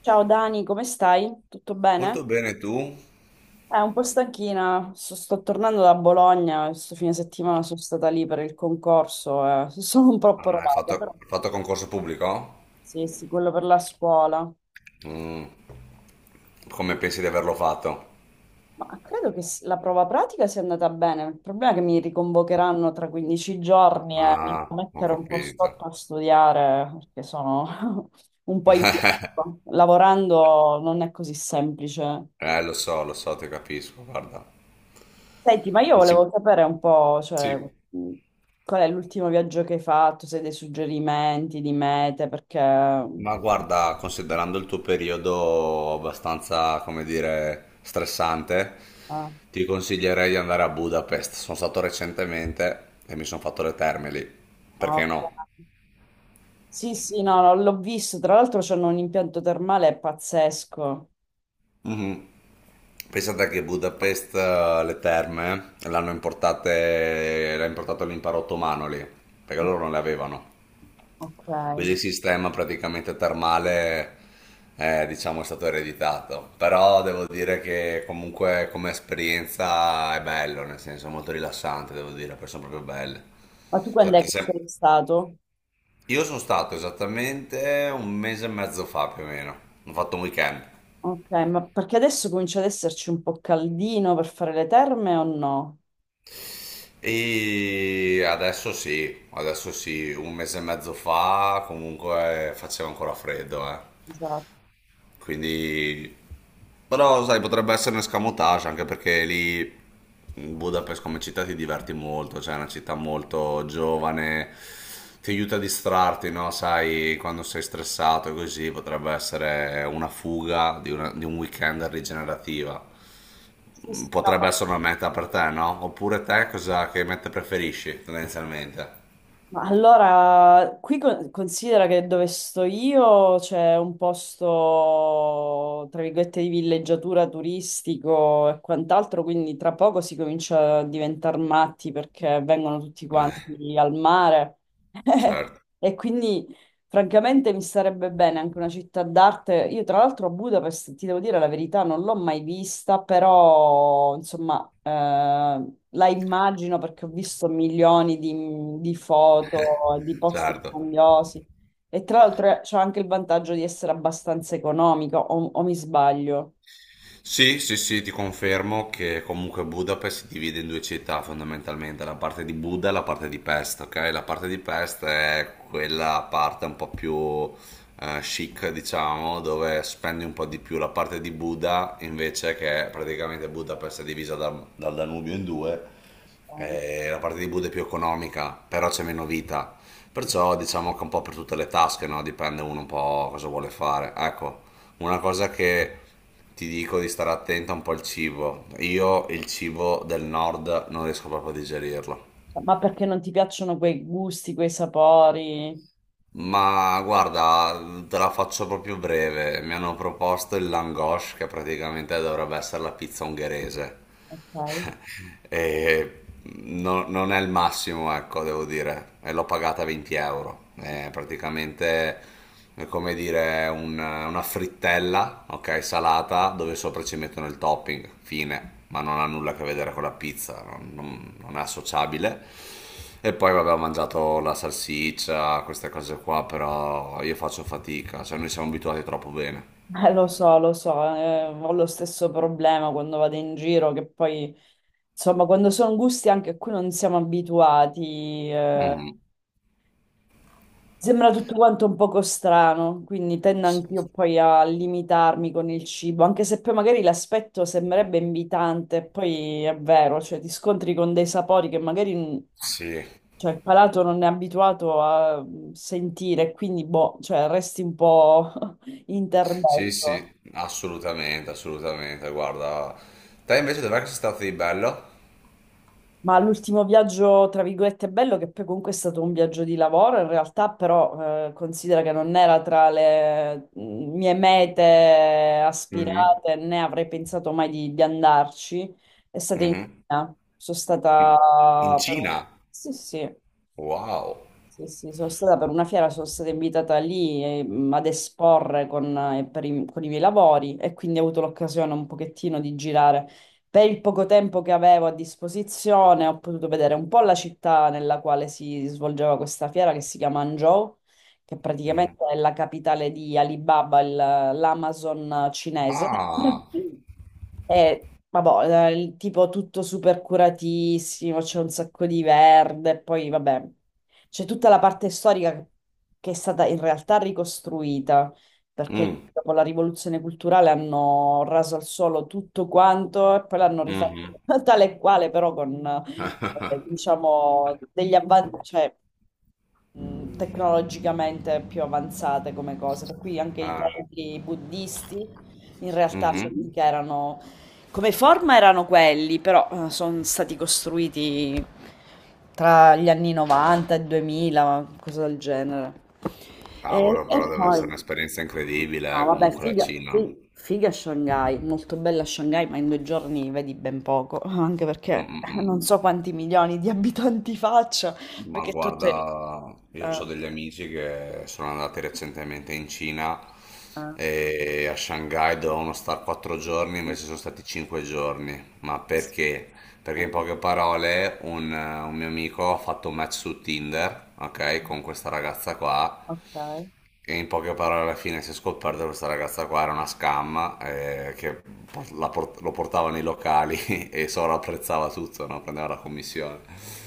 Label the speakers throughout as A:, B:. A: Ciao Dani, come stai? Tutto
B: Molto
A: bene?
B: bene tu.
A: Un po' stanchina, sto tornando da Bologna, questo fine settimana sono stata lì per il concorso, sono un po'
B: Ah,
A: approvata, però
B: hai fatto concorso pubblico?
A: sì, sì, quello per la scuola.
B: Mm, come
A: Quindi-
B: pensi di averlo fatto?
A: Ma credo che la prova pratica sia andata bene, il problema è che mi riconvocheranno tra 15 giorni e mi devo
B: Ah, ho
A: mettere un po'
B: capito.
A: sotto a studiare perché sono un po' in... Lavorando non è così semplice.
B: Lo so, ti capisco, guarda.
A: Senti, ma io
B: Dici,
A: volevo sapere un po', cioè,
B: sì.
A: qual è l'ultimo viaggio che hai fatto, se hai dei suggerimenti di mete, perché...
B: Ma guarda, considerando il tuo periodo abbastanza, come dire, stressante,
A: Ah,
B: ti consiglierei di andare a Budapest. Sono stato recentemente e mi sono fatto le terme lì. Perché no?
A: ok. Sì, sì, no, no, l'ho visto, tra l'altro c'hanno un impianto termale pazzesco.
B: Mhm. Pensate che Budapest, le terme, l'hanno importate, l'ha importato l'impero ottomano lì, perché loro non le avevano.
A: Ok.
B: Quindi
A: Ma
B: il sistema praticamente termale, diciamo, è stato ereditato. Però devo dire che comunque come esperienza è bello, nel senso è molto rilassante, devo dire, perché sono proprio belle.
A: tu quando è
B: Sette-
A: che
B: se-
A: sei stato?
B: Io sono stato esattamente un mese e mezzo fa più o meno, ho fatto un weekend.
A: Ok, ma perché adesso comincia ad esserci un po' caldino per fare le terme o no?
B: E adesso sì, un mese e mezzo fa comunque faceva ancora freddo, eh.
A: Esatto.
B: Quindi, però sai, potrebbe essere un escamotage anche perché lì Budapest come città ti diverti molto, cioè è una città molto giovane, ti aiuta a distrarti, no? Sai, quando sei stressato e così potrebbe essere una fuga di, una- di un weekend rigenerativa,
A: Sì, sì,
B: potrebbe
A: no,
B: essere una meta per te, no? Oppure te cosa che meta preferisci tendenzialmente?
A: ma allora, qui considera che dove sto io c'è un posto, tra virgolette, di villeggiatura turistico e quant'altro, quindi tra poco si comincia a diventare matti perché vengono tutti quanti al mare.
B: Certo,
A: E quindi francamente mi starebbe bene anche una città d'arte. Io tra l'altro a Budapest, ti devo dire la verità, non l'ho mai vista, però insomma la immagino perché ho visto milioni di foto, di posti
B: certo.
A: grandiosi e tra l'altro c'è anche il vantaggio di essere abbastanza economico, o mi sbaglio?
B: Sì, sì, sì, ti confermo che comunque Budapest si divide in due città fondamentalmente, la parte di Buda e la parte di Pest, ok? La parte di Pest è quella parte un po' più chic, diciamo, dove spendi un po' di più. La parte di Buda invece che praticamente Budapest è divisa dal Danubio in due. La parte di Buda è più economica, però c'è meno vita. Perciò diciamo che un po' per tutte le tasche, no? Dipende uno un po' cosa vuole fare. Ecco, una cosa che ti dico di stare attento è un po' il cibo. Io il cibo del nord non riesco proprio a digerirlo.
A: Ma perché non ti piacciono quei gusti, quei sapori?
B: Ma guarda, te la faccio proprio breve. Mi hanno proposto il langosce, che praticamente dovrebbe essere la pizza ungherese.
A: Ok.
B: E non è il massimo, ecco, devo dire. E l'ho pagata 20 euro. È praticamente è come dire una frittella, ok, salata, dove sopra ci mettono il topping. Fine. Ma non ha nulla a che vedere con la pizza, non è associabile. E poi vabbè, ho mangiato la salsiccia, queste cose qua, però io faccio fatica, cioè noi siamo abituati troppo bene.
A: Lo so, ho lo stesso problema quando vado in giro, che poi, insomma, quando sono gusti anche a cui non siamo abituati,
B: Mhm.
A: sembra tutto quanto un poco strano, quindi tendo
B: Sì.
A: anch'io poi a limitarmi con il cibo, anche se poi magari l'aspetto sembrerebbe invitante, poi è vero, cioè ti scontri con dei sapori che magari,
B: Sì.
A: cioè, il palato non è abituato a sentire, quindi, boh, cioè, resti un po'
B: Sì, sì,
A: interdetto.
B: assolutamente, assolutamente. Guarda, te invece dov'è che sei stato di bello?
A: Ma l'ultimo viaggio, tra virgolette, bello, che poi comunque è stato un viaggio di lavoro, in realtà però considera che non era tra le mie mete
B: Mhm,
A: aspirate, né avrei pensato mai di, di andarci, è stata in
B: mhm.
A: Cina. Sono
B: In in
A: stata per
B: Cina?
A: sì, sì.
B: Wow.
A: Sì, sì, sono stata per una fiera, sono stata invitata lì ad esporre con, per i, con i miei lavori e quindi ho avuto l'occasione un pochettino di girare. Per il poco tempo che avevo a disposizione ho potuto vedere un po' la città nella quale si svolgeva questa fiera che si chiama Hangzhou, che
B: Mhm.
A: praticamente è la capitale di Alibaba, l'Amazon cinese.
B: Ah,
A: E vabbè, il tipo tutto super curatissimo, c'è un sacco di verde, poi vabbè. C'è tutta la parte storica che è stata in realtà ricostruita, perché
B: mm,
A: dopo la rivoluzione culturale hanno raso al suolo tutto quanto e poi l'hanno rifatto
B: mhm.
A: tale e quale, però con, diciamo, degli avanti, cioè tecnologicamente più avanzate come cose. Per cui anche i
B: Ah,
A: templi buddisti in realtà
B: mhm.
A: che erano come forma erano quelli, però sono stati costruiti tra gli anni 90 e 2000, cosa del genere.
B: Cavolo, però
A: E
B: deve essere
A: poi,
B: un'esperienza incredibile,
A: no, vabbè,
B: comunque la
A: figa,
B: Cina.
A: figa Shanghai, molto bella Shanghai, ma in due giorni vedi ben poco, anche
B: Mm,
A: perché
B: mm, mm.
A: non so quanti milioni di abitanti faccia.
B: Ma
A: Perché tutte...
B: guarda, io ho
A: Ah,
B: degli amici che sono andati recentemente in Cina
A: ah.
B: e a Shanghai dovevano stare quattro giorni, invece sono stati cinque giorni. Ma
A: Sì.
B: perché? Perché
A: Ah.
B: in poche parole un mio amico ha fatto un match su Tinder, ok,
A: No?
B: con questa ragazza qua,
A: Ok,
B: e in poche parole alla fine si è scoperto che questa ragazza qua era una scam, che lo portava nei locali e sovrapprezzava tutto, no? Prendeva la commissione.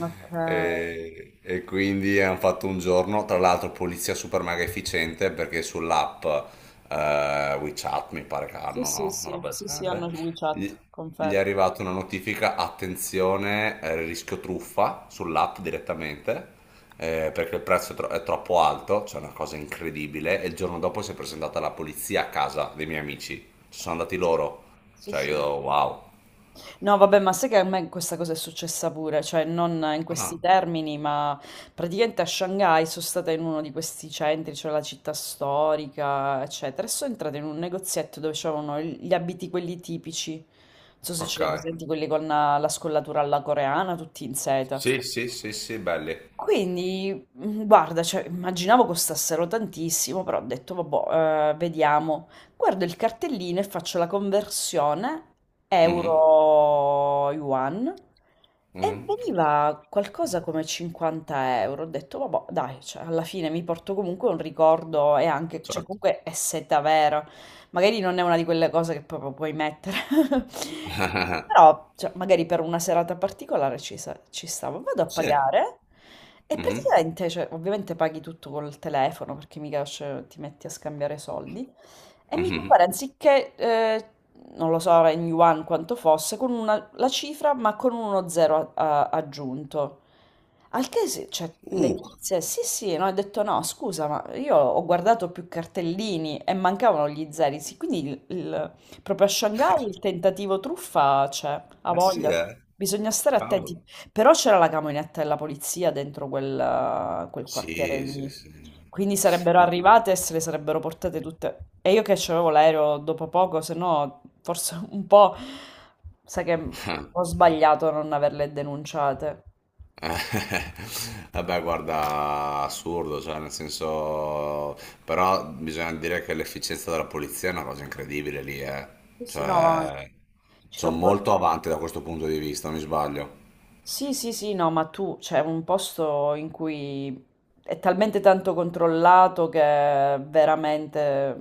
A: okay.
B: E quindi hanno fatto un giorno, tra l'altro polizia super mega efficiente perché sull'app WeChat mi pare che
A: Sì,
B: hanno,
A: sì,
B: no? Una
A: sì,
B: roba del
A: sì, sì,
B: genere.
A: hanno
B: Gli
A: WeChat,
B: gli è
A: confermo.
B: arrivata una notifica, attenzione, rischio truffa sull'app direttamente, perché il prezzo è, è troppo alto, c'è cioè una cosa incredibile, e il giorno dopo si è presentata la polizia a casa dei miei amici, ci sono andati loro,
A: Sì,
B: cioè
A: sì.
B: io, wow.
A: No, vabbè, ma sai che a me questa cosa è successa pure, cioè non in questi
B: Ah,
A: termini, ma praticamente a Shanghai sono stata in uno di questi centri, cioè la città storica, eccetera, e sono entrata in un negozietto dove c'erano gli abiti quelli tipici, non so se ce
B: ok,
A: li hai presenti, quelli con la, la scollatura alla coreana, tutti in seta.
B: sì, sì, sì, sì, belli.
A: Quindi, guarda, cioè, immaginavo costassero tantissimo, però ho detto, vabbè, vediamo. Guardo il cartellino e faccio la conversione
B: Mhm,
A: euro-yuan e
B: mhm.
A: veniva qualcosa come 50€. Ho detto, vabbè, dai, cioè, alla fine mi porto comunque un ricordo e anche, cioè,
B: Certo.
A: comunque è seta vera. Magari non è una di quelle cose che proprio puoi mettere. Però, cioè, magari per una serata particolare ci, ci stavo. Vado a
B: Sì.
A: pagare e
B: Mhm,
A: praticamente, cioè, ovviamente paghi tutto col telefono perché mica cioè, ti metti a scambiare soldi. E mi compare
B: mhm.
A: anziché, non lo so, in yuan quanto fosse, con una, la cifra ma con uno zero aggiunto. Al che, cioè, le
B: Uh,
A: tizie, sì sì, no, ho detto no, scusa, ma io ho guardato più cartellini e mancavano gli zeri, sì, quindi proprio a Shanghai il tentativo truffa c'è, ha
B: eh sì,
A: voglia.
B: eh.
A: Bisogna stare attenti.
B: Cavolo.
A: Però c'era la camionetta della polizia dentro quel, quel quartiere
B: Sì, sì,
A: lì.
B: sì.
A: Quindi sarebbero
B: No.
A: arrivate e se le sarebbero portate tutte. E io che c'avevo l'aereo dopo poco, se no forse un po'... Sai che ho sbagliato a non averle denunciate.
B: Eh, vabbè, guarda, assurdo, cioè, nel senso, però bisogna dire che l'efficienza della polizia è una cosa incredibile lì, eh.
A: Sì, sì, no, ma
B: Cioè,
A: ci
B: sono
A: sono... po-
B: molto avanti da questo punto di vista, mi sbaglio.
A: Sì, sì, sì, no, ma tu c'è un posto in cui è talmente tanto controllato che veramente...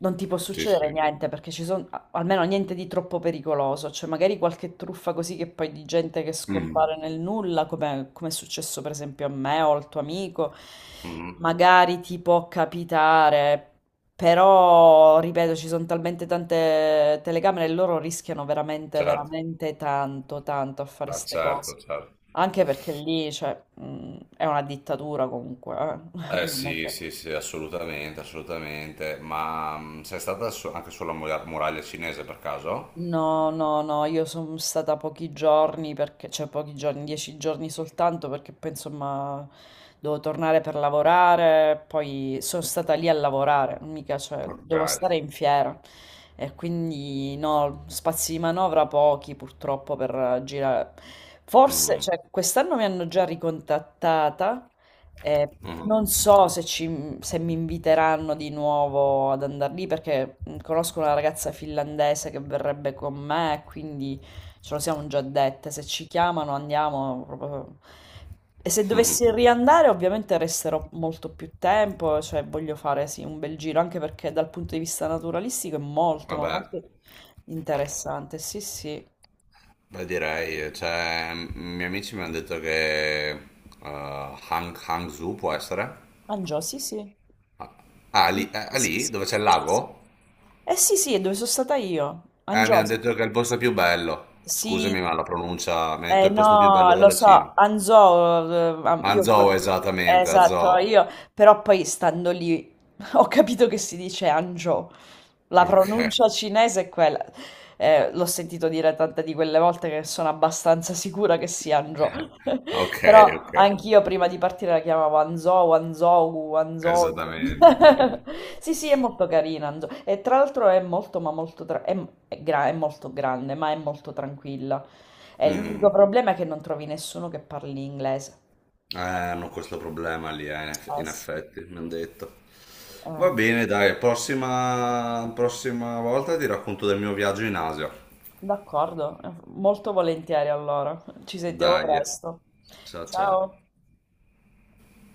A: non ti può
B: Sì,
A: succedere
B: sì.
A: niente perché ci sono almeno niente di troppo pericoloso, cioè magari qualche truffa così che poi di gente che
B: Mhm,
A: scompare nel nulla, come, come è successo per esempio a me o al tuo amico,
B: mhm.
A: magari ti può capitare, però ripeto, ci sono talmente tante telecamere e loro rischiano veramente,
B: Certo.
A: veramente tanto, tanto a fare
B: Ah,
A: queste cose.
B: certo, certo.
A: Anche perché lì, cioè, è una dittatura comunque, eh.
B: Eh
A: Non è
B: sì,
A: che-
B: sì, sì, assolutamente, assolutamente. Ma sei stata anche sulla muraglia cinese per caso?
A: No, no, no, io sono stata pochi giorni perché, cioè pochi giorni, 10 giorni soltanto perché poi insomma devo tornare per lavorare, poi sono stata lì a lavorare, mica, cioè
B: Ok.
A: devo stare in fiera e quindi no, spazi di manovra pochi purtroppo per girare. Forse,
B: Mhm,
A: cioè quest'anno mi hanno già ricontattata eh,
B: mhm.
A: non so se, se mi inviteranno di nuovo ad andare lì perché conosco una ragazza finlandese che verrebbe con me, quindi ce lo siamo già dette. Se ci chiamano andiamo proprio- E se dovessi riandare, ovviamente resterò molto più tempo, cioè voglio fare sì, un bel giro, anche perché dal punto di vista naturalistico è molto, ma
B: Vabbè.
A: molto interessante. Sì, sì.
B: Beh, direi, cioè, i miei amici mi hanno detto che Hangzhou può essere?
A: Angio, sì, sì.
B: Ah,
A: Sì,
B: lì,
A: sì,
B: lì,
A: sì,
B: dove c'è il
A: sì, sì.
B: lago?
A: Eh sì, sì, è dove sono stata io,
B: Mi hanno
A: Angiosa.
B: detto che è il
A: S-
B: posto più bello. Scusami,
A: Sì,
B: ma la pronuncia, mi hanno detto è
A: eh
B: il posto più bello
A: no, lo
B: della Cina.
A: so, Anzò, io
B: Hangzhou,
A: pure,
B: esattamente,
A: esatto,
B: Hangzhou.
A: io, però poi stando lì ho capito che si dice Angiò. La
B: Ok,
A: pronuncia cinese è quella. L'ho sentito dire tante di quelle volte che sono abbastanza sicura che sia Hangzhou.
B: ok,
A: Però
B: ok,
A: anch'io prima di partire la chiamavo Hangzhou, Hangzhou, Hangzhou.
B: esattamente.
A: Sì, sì, è molto carina Hangzhou. E tra l'altro è molto, ma molto, tra- è, è molto grande, ma è molto tranquilla. E l'unico
B: Mm.
A: problema è che non trovi nessuno che parli inglese.
B: Hanno questo problema lì,
A: Eh
B: in
A: sì.
B: effetti, mi hanno detto. Va
A: Eh,
B: bene, dai, prossima volta ti racconto del mio viaggio in Asia.
A: d'accordo, molto volentieri allora. Ci sentiamo
B: Dai, eh.
A: presto.
B: Ciao ciao.
A: Ciao.